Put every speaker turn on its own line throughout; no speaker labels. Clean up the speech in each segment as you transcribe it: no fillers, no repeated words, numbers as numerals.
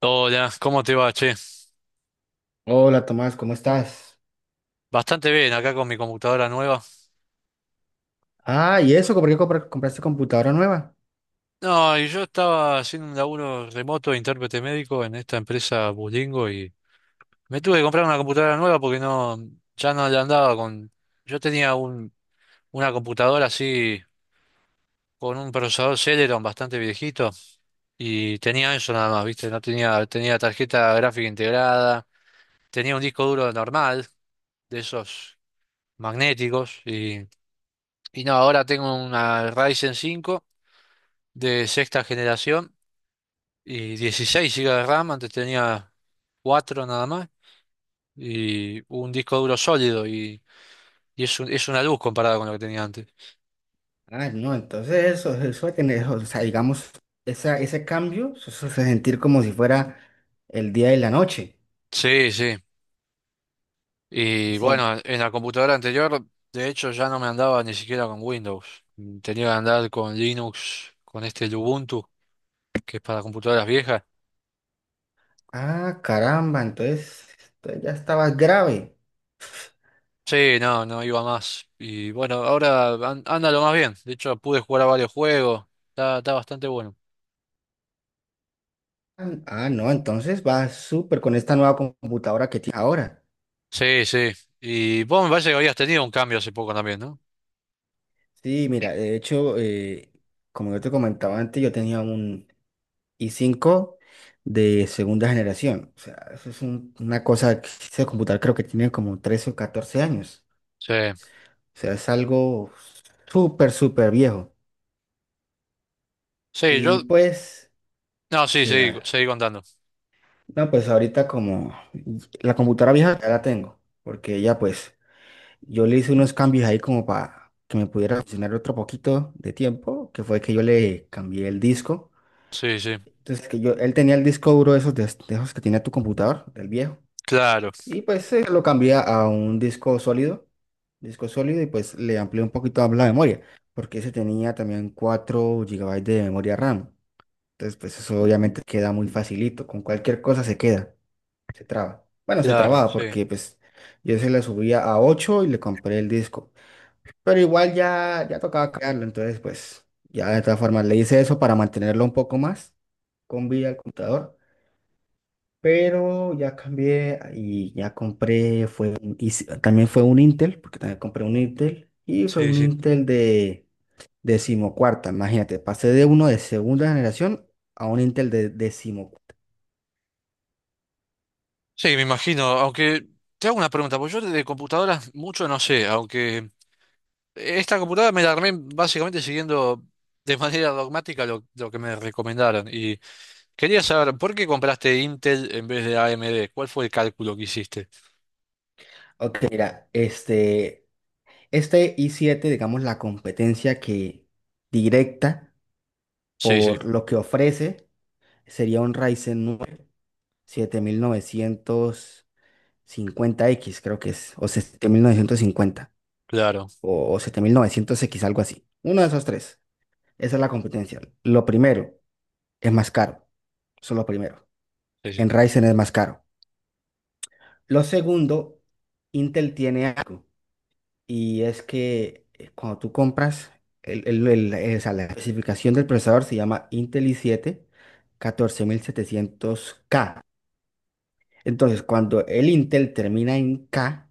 Hola, ¿cómo te va, che?
Hola Tomás, ¿cómo estás?
Bastante bien, acá con mi computadora nueva.
Ah, ¿y eso? ¿Por qué compraste computadora nueva?
No, y yo estaba haciendo un laburo remoto de intérprete médico en esta empresa Bulingo y me tuve que comprar una computadora nueva porque no, ya no le andaba con... Yo tenía una computadora así con un procesador Celeron bastante viejito y tenía eso nada más, ¿viste? No tenía, tenía tarjeta gráfica integrada, tenía un disco duro normal de esos magnéticos y no, ahora tengo una Ryzen 5 de sexta generación y 16 gigas de RAM, antes tenía 4 nada más y un disco duro sólido y es una luz comparada con lo que tenía antes.
Ah, no, entonces eso de tener, o sea, digamos, esa, ese cambio, eso se sentir como si fuera el día y la noche.
Sí, sí. Y bueno,
Sí,
en la computadora anterior, de hecho, ya no me andaba ni siquiera con Windows. Tenía que andar con Linux, con este Ubuntu, que es para computadoras viejas.
ah, caramba, entonces ya estabas grave.
Sí, no, no iba más. Y bueno, ahora anda lo más bien. De hecho, pude jugar a varios juegos. Está bastante bueno.
Ah, no, entonces va súper con esta nueva computadora que tienes ahora.
Sí, sí. Y vos me parece que habías tenido un cambio hace poco también, ¿no?
Sí, mira, de hecho, como yo te comentaba antes, yo tenía un, y 5 de segunda generación. O sea, eso es una cosa que ese computador creo que tiene como 13 o 14 años.
Sí.
O sea, es algo súper, súper viejo.
Sí,
Y
yo.
pues,
No, sí,
sí,
sí,
da.
seguí contando.
No, pues ahorita como la computadora vieja ya la tengo, porque ya pues yo le hice unos cambios ahí como para que me pudiera funcionar otro poquito de tiempo, que fue que yo le cambié el disco.
Sí, sí.
Entonces, que yo, él tenía el disco duro esos, de esos que tenía tu computador, del viejo.
Claro,
Y pues lo cambié a un disco sólido y pues le amplié un poquito la memoria, porque ese tenía también 4 gigabytes de memoria RAM. Entonces pues eso obviamente queda muy facilito, con cualquier cosa se queda, se traba. Bueno, se
claro,
trababa
sí.
porque pues yo se le subía a 8 y le compré el disco, pero igual ya tocaba cambiarlo, entonces pues ya de todas formas le hice eso para mantenerlo un poco más con vida al computador. Pero ya cambié y ya compré, fue, también fue un Intel, porque también compré un Intel, y fue
Sí,
un
sí.
Intel de decimocuarta, imagínate, pasé de uno de segunda generación a un Intel de decimocuarta.
Sí, me imagino. Aunque te hago una pregunta, porque yo de computadoras mucho no sé, aunque esta computadora me la armé básicamente siguiendo de manera dogmática lo que me recomendaron. Y quería saber, ¿por qué compraste Intel en vez de AMD? ¿Cuál fue el cálculo que hiciste?
Ok, mira, este i7, digamos, la competencia que directa
Sí, sí,
por lo que ofrece sería un Ryzen 9 7950X creo que es, o 7950
claro.
o 7900X algo así. Uno de esos tres. Esa es la competencia. Lo primero es más caro. Eso es lo primero.
Sí,
En
sí.
Ryzen es más caro. Lo segundo, Intel tiene algo. Y es que cuando tú compras, o sea, la especificación del procesador se llama Intel i7 14700K. Entonces, cuando el Intel termina en K,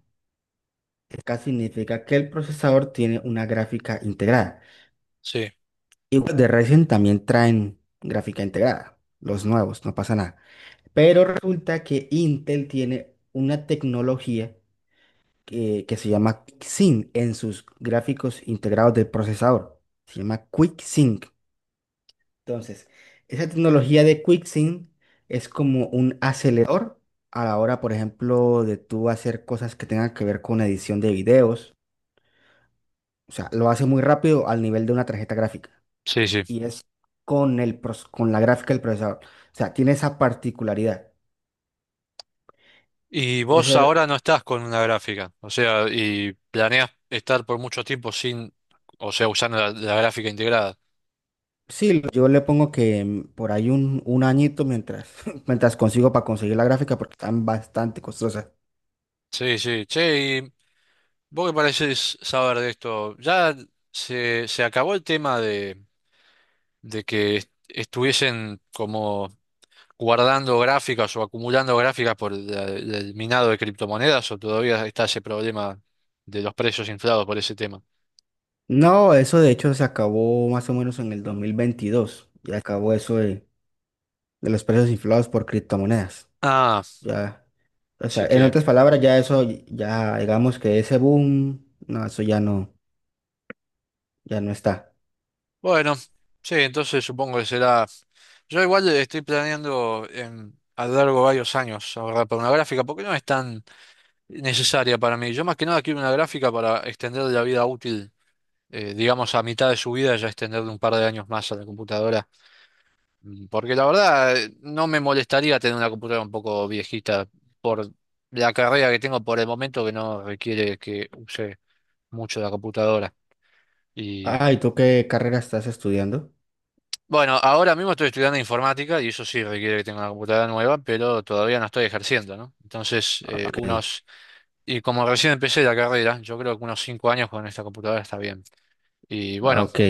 K significa que el procesador tiene una gráfica integrada.
Sí,
Y los de Ryzen también traen gráfica integrada, los nuevos, no pasa nada. Pero resulta que Intel tiene una tecnología que se llama QuickSync en sus gráficos integrados del procesador. Se llama QuickSync. Entonces, esa tecnología de QuickSync es como un acelerador a la hora, por ejemplo, de tú hacer cosas que tengan que ver con edición de videos. O sea, lo hace muy rápido al nivel de una tarjeta gráfica.
sí, sí.
Y es con la gráfica del procesador. O sea, tiene esa particularidad.
Y
Debe
vos
ser-
ahora no estás con una gráfica, o sea, y planeas estar por mucho tiempo sin, o sea, usando la gráfica integrada.
sí, yo le pongo que por ahí un añito mientras, mientras consigo para conseguir la gráfica porque están bastante costosas.
Sí, sí. Che, y vos qué parecés saber de esto, ya se acabó el tema de que estuviesen como guardando gráficas o acumulando gráficas por el minado de criptomonedas, o todavía está ese problema de los precios inflados por ese tema.
No, eso de hecho se acabó más o menos en el 2022. Ya acabó eso de los precios inflados por criptomonedas.
Ah,
Ya, o sea,
así
en
que,
otras palabras, ya eso, ya digamos que ese boom, no, eso ya no, ya no está.
bueno, sí, entonces supongo que será. Yo igual estoy planeando en, a lo largo de varios años ahorrar para una gráfica, porque no es tan necesaria para mí. Yo más que nada quiero una gráfica para extender la vida útil, digamos a mitad de su vida, ya extenderle un par de años más a la computadora. Porque la verdad no me molestaría tener una computadora un poco viejita por la carrera que tengo por el momento que no requiere que use mucho la computadora.
Ah, y ¿tú qué carrera estás estudiando?
Bueno, ahora mismo estoy estudiando informática y eso sí requiere que tenga una computadora nueva, pero todavía no estoy ejerciendo, ¿no? Entonces,
Ok.
y como recién empecé la carrera, yo creo que unos 5 años con esta computadora está bien. Y
Ah,
bueno,
ok,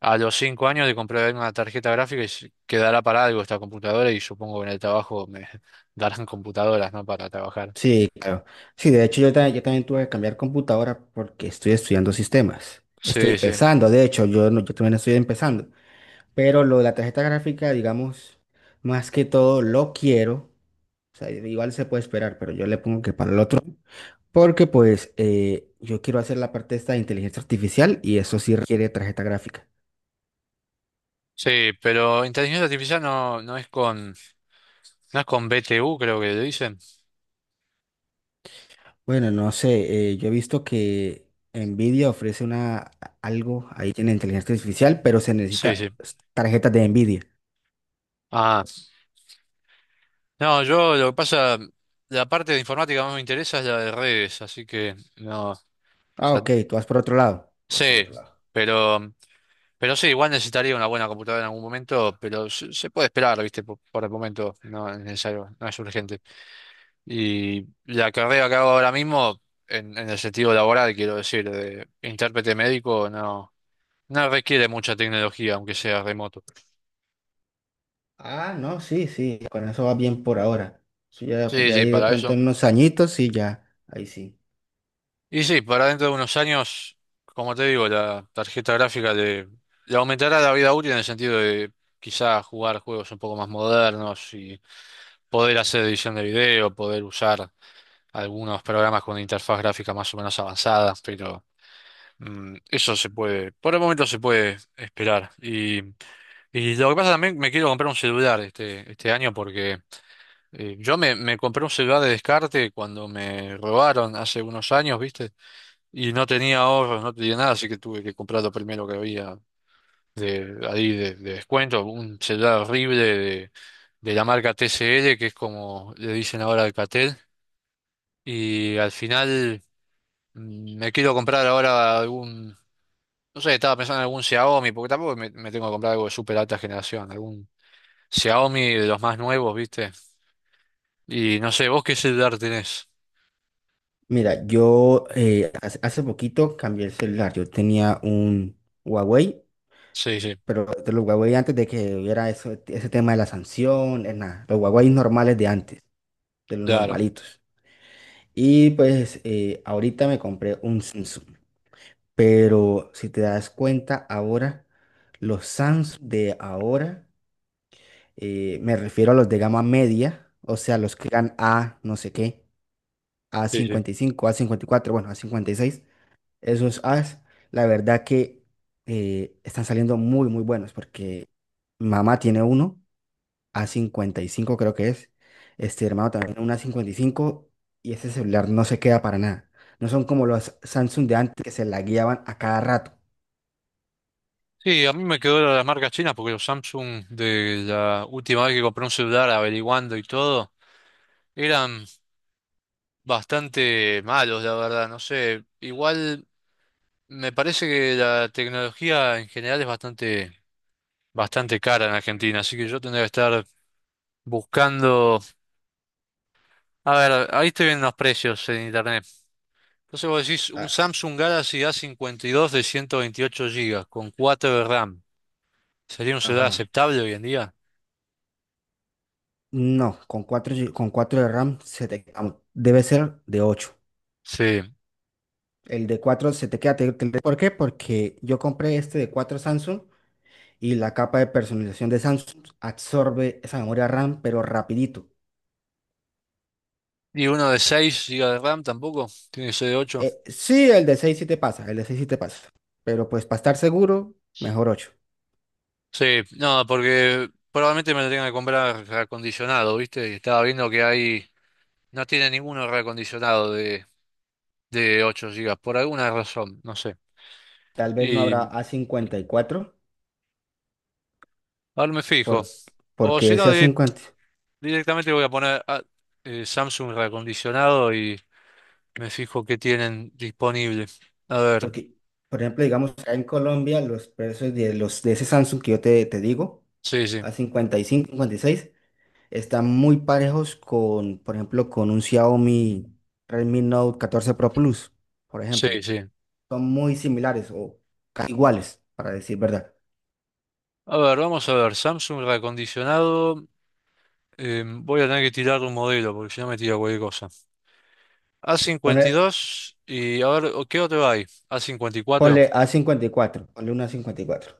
a los 5 años de comprar una tarjeta gráfica y quedará para algo esta computadora y supongo que en el trabajo me darán computadoras, ¿no? Para trabajar.
sí, claro. Sí, de hecho yo también tuve que cambiar computadora porque estoy estudiando sistemas. Estoy
Sí, sí.
empezando, de hecho, yo, no- yo también estoy empezando. Pero lo de la tarjeta gráfica, digamos, más que todo lo quiero. O sea, igual se puede esperar, pero yo le pongo que para el otro. Porque pues yo quiero hacer la parte esta de inteligencia artificial y eso sí requiere tarjeta gráfica.
Sí, pero inteligencia artificial no, no es con BTU, creo que le dicen.
Bueno, no sé, yo he visto que Nvidia ofrece una, algo ahí en inteligencia artificial, pero se
Sí, sí.
necesita tarjetas de Nvidia.
Ah. No, yo lo que pasa, la parte de informática más me interesa es la de redes, así que no, o
Ah,
sea,
ok, tú vas por otro lado. Tú vas por
sí,
otro lado.
pero, pero, sí, igual necesitaría una buena computadora en algún momento, pero se puede esperar, ¿viste? Por el momento no es necesario, no es urgente. Y la carrera que hago ahora mismo, en el sentido laboral, quiero decir, de intérprete médico, no requiere mucha tecnología, aunque sea remoto.
Ah, no, sí, sí, con eso va bien por ahora. Eso ya pues,
Sí,
de
sí,
ahí de
para
pronto
eso.
en unos añitos, sí, ya, ahí sí.
Y sí, para dentro de unos años, como te digo, la tarjeta gráfica le aumentará la vida útil en el sentido de quizás jugar juegos un poco más modernos y poder hacer edición de video, poder usar algunos programas con interfaz gráfica más o menos avanzada, pero eso se puede, por el momento se puede esperar. Y lo que pasa también, me quiero comprar un celular este año porque yo me compré un celular de descarte cuando me robaron hace unos años, ¿viste? Y no tenía ahorros, no tenía nada, así que tuve que comprar lo primero que había de ahí de descuento, un celular horrible de la marca TCL, que es como le dicen ahora Alcatel, y al final me quiero comprar ahora no sé, estaba pensando en algún Xiaomi, porque tampoco me tengo que comprar algo de súper alta generación, algún Xiaomi de los más nuevos, ¿viste? Y no sé, ¿vos qué celular tenés?
Mira, yo hace poquito cambié el celular. Yo tenía un Huawei,
Sí, sí,
pero de los Huawei antes de que hubiera ese tema de la sanción, es nada, los Huawei normales de antes, de los
claro.
normalitos. Y pues ahorita me compré un Samsung, pero si te das cuenta ahora, los Samsung de ahora, me refiero a los de gama media, o sea, los que eran A no sé qué, a
Sí, sí.
cincuenta y cinco, a cincuenta y cuatro, bueno, a cincuenta y seis, esos As, la verdad que están saliendo muy, muy buenos porque mamá tiene uno a cincuenta y cinco creo que es. Este hermano también un A55 y cinco y ese celular no se queda para nada. No son como los Samsung de antes que se la guiaban a cada rato.
Sí, a mí me quedó la las marcas chinas porque los Samsung de la última vez que compré un celular averiguando y todo eran bastante malos, la verdad. No sé, igual me parece que la tecnología en general es bastante cara en Argentina, así que yo tendría que estar buscando. A ver, ahí estoy viendo los precios en internet. Entonces vos decís un
Ah,
Samsung Galaxy A52 de 128 gigas con 4 de RAM. ¿Sería un celular
ajá.
aceptable hoy en día?
No, con 4 de RAM se te, am- debe ser de ocho.
Sí.
El de 4 se te queda. ¿Por qué? Porque yo compré este de 4 Samsung y la capa de personalización de Samsung absorbe esa memoria RAM, pero rapidito.
Y uno de 6 gigas de RAM tampoco, tiene que ser de 8.
Sí, el de 6 sí te pasa, el de 6 sí te pasa. Pero pues para estar seguro, mejor ocho.
Sí, no, porque probablemente me lo tenga que comprar reacondicionado, ¿viste? Y estaba viendo que hay, no tiene ninguno reacondicionado de, 8 gigas por alguna razón, no sé.
Tal vez no
Y
habrá a cincuenta y cuatro
ahora me fijo.
por,
O
porque
si
ese
no,
a cincuenta,
directamente voy a poner Samsung reacondicionado y me fijo qué tienen disponible. A ver,
porque, por ejemplo, digamos, acá en Colombia los precios de, los, de ese Samsung que yo te digo,
sí, sí,
a cincuenta, cincuenta y cinco, cincuenta y seis, están muy parejos con, por ejemplo, con un Xiaomi Redmi Note 14 Pro Plus, por
sí,
ejemplo.
sí.
Son muy similares o casi iguales, para decir verdad.
A ver, vamos a ver, Samsung reacondicionado. Voy a tener que tirar un modelo porque si no me tira cualquier cosa. a cincuenta y
Ponle,
dos y a ver, ¿qué otro hay? A54.
ponle a cincuenta y cuatro, ponle una a cincuenta y cuatro.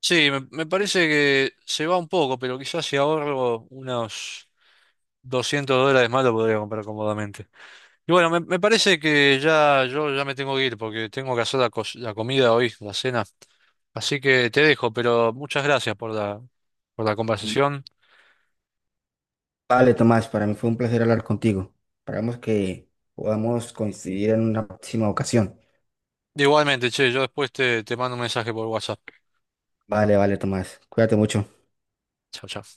Sí, me parece que se va un poco, pero quizás si ahorro unos $200 más lo podría comprar cómodamente. Y bueno, me parece que ya yo ya me tengo que ir porque tengo que hacer la comida hoy, la cena. Así que te dejo, pero muchas gracias por la conversación.
Vale, Tomás, para mí fue un placer hablar contigo. Esperamos que podamos coincidir en una próxima ocasión.
Igualmente, che, yo después te mando un mensaje por WhatsApp.
Vale, vale, Tomás. Cuídate mucho.
Chao, chao.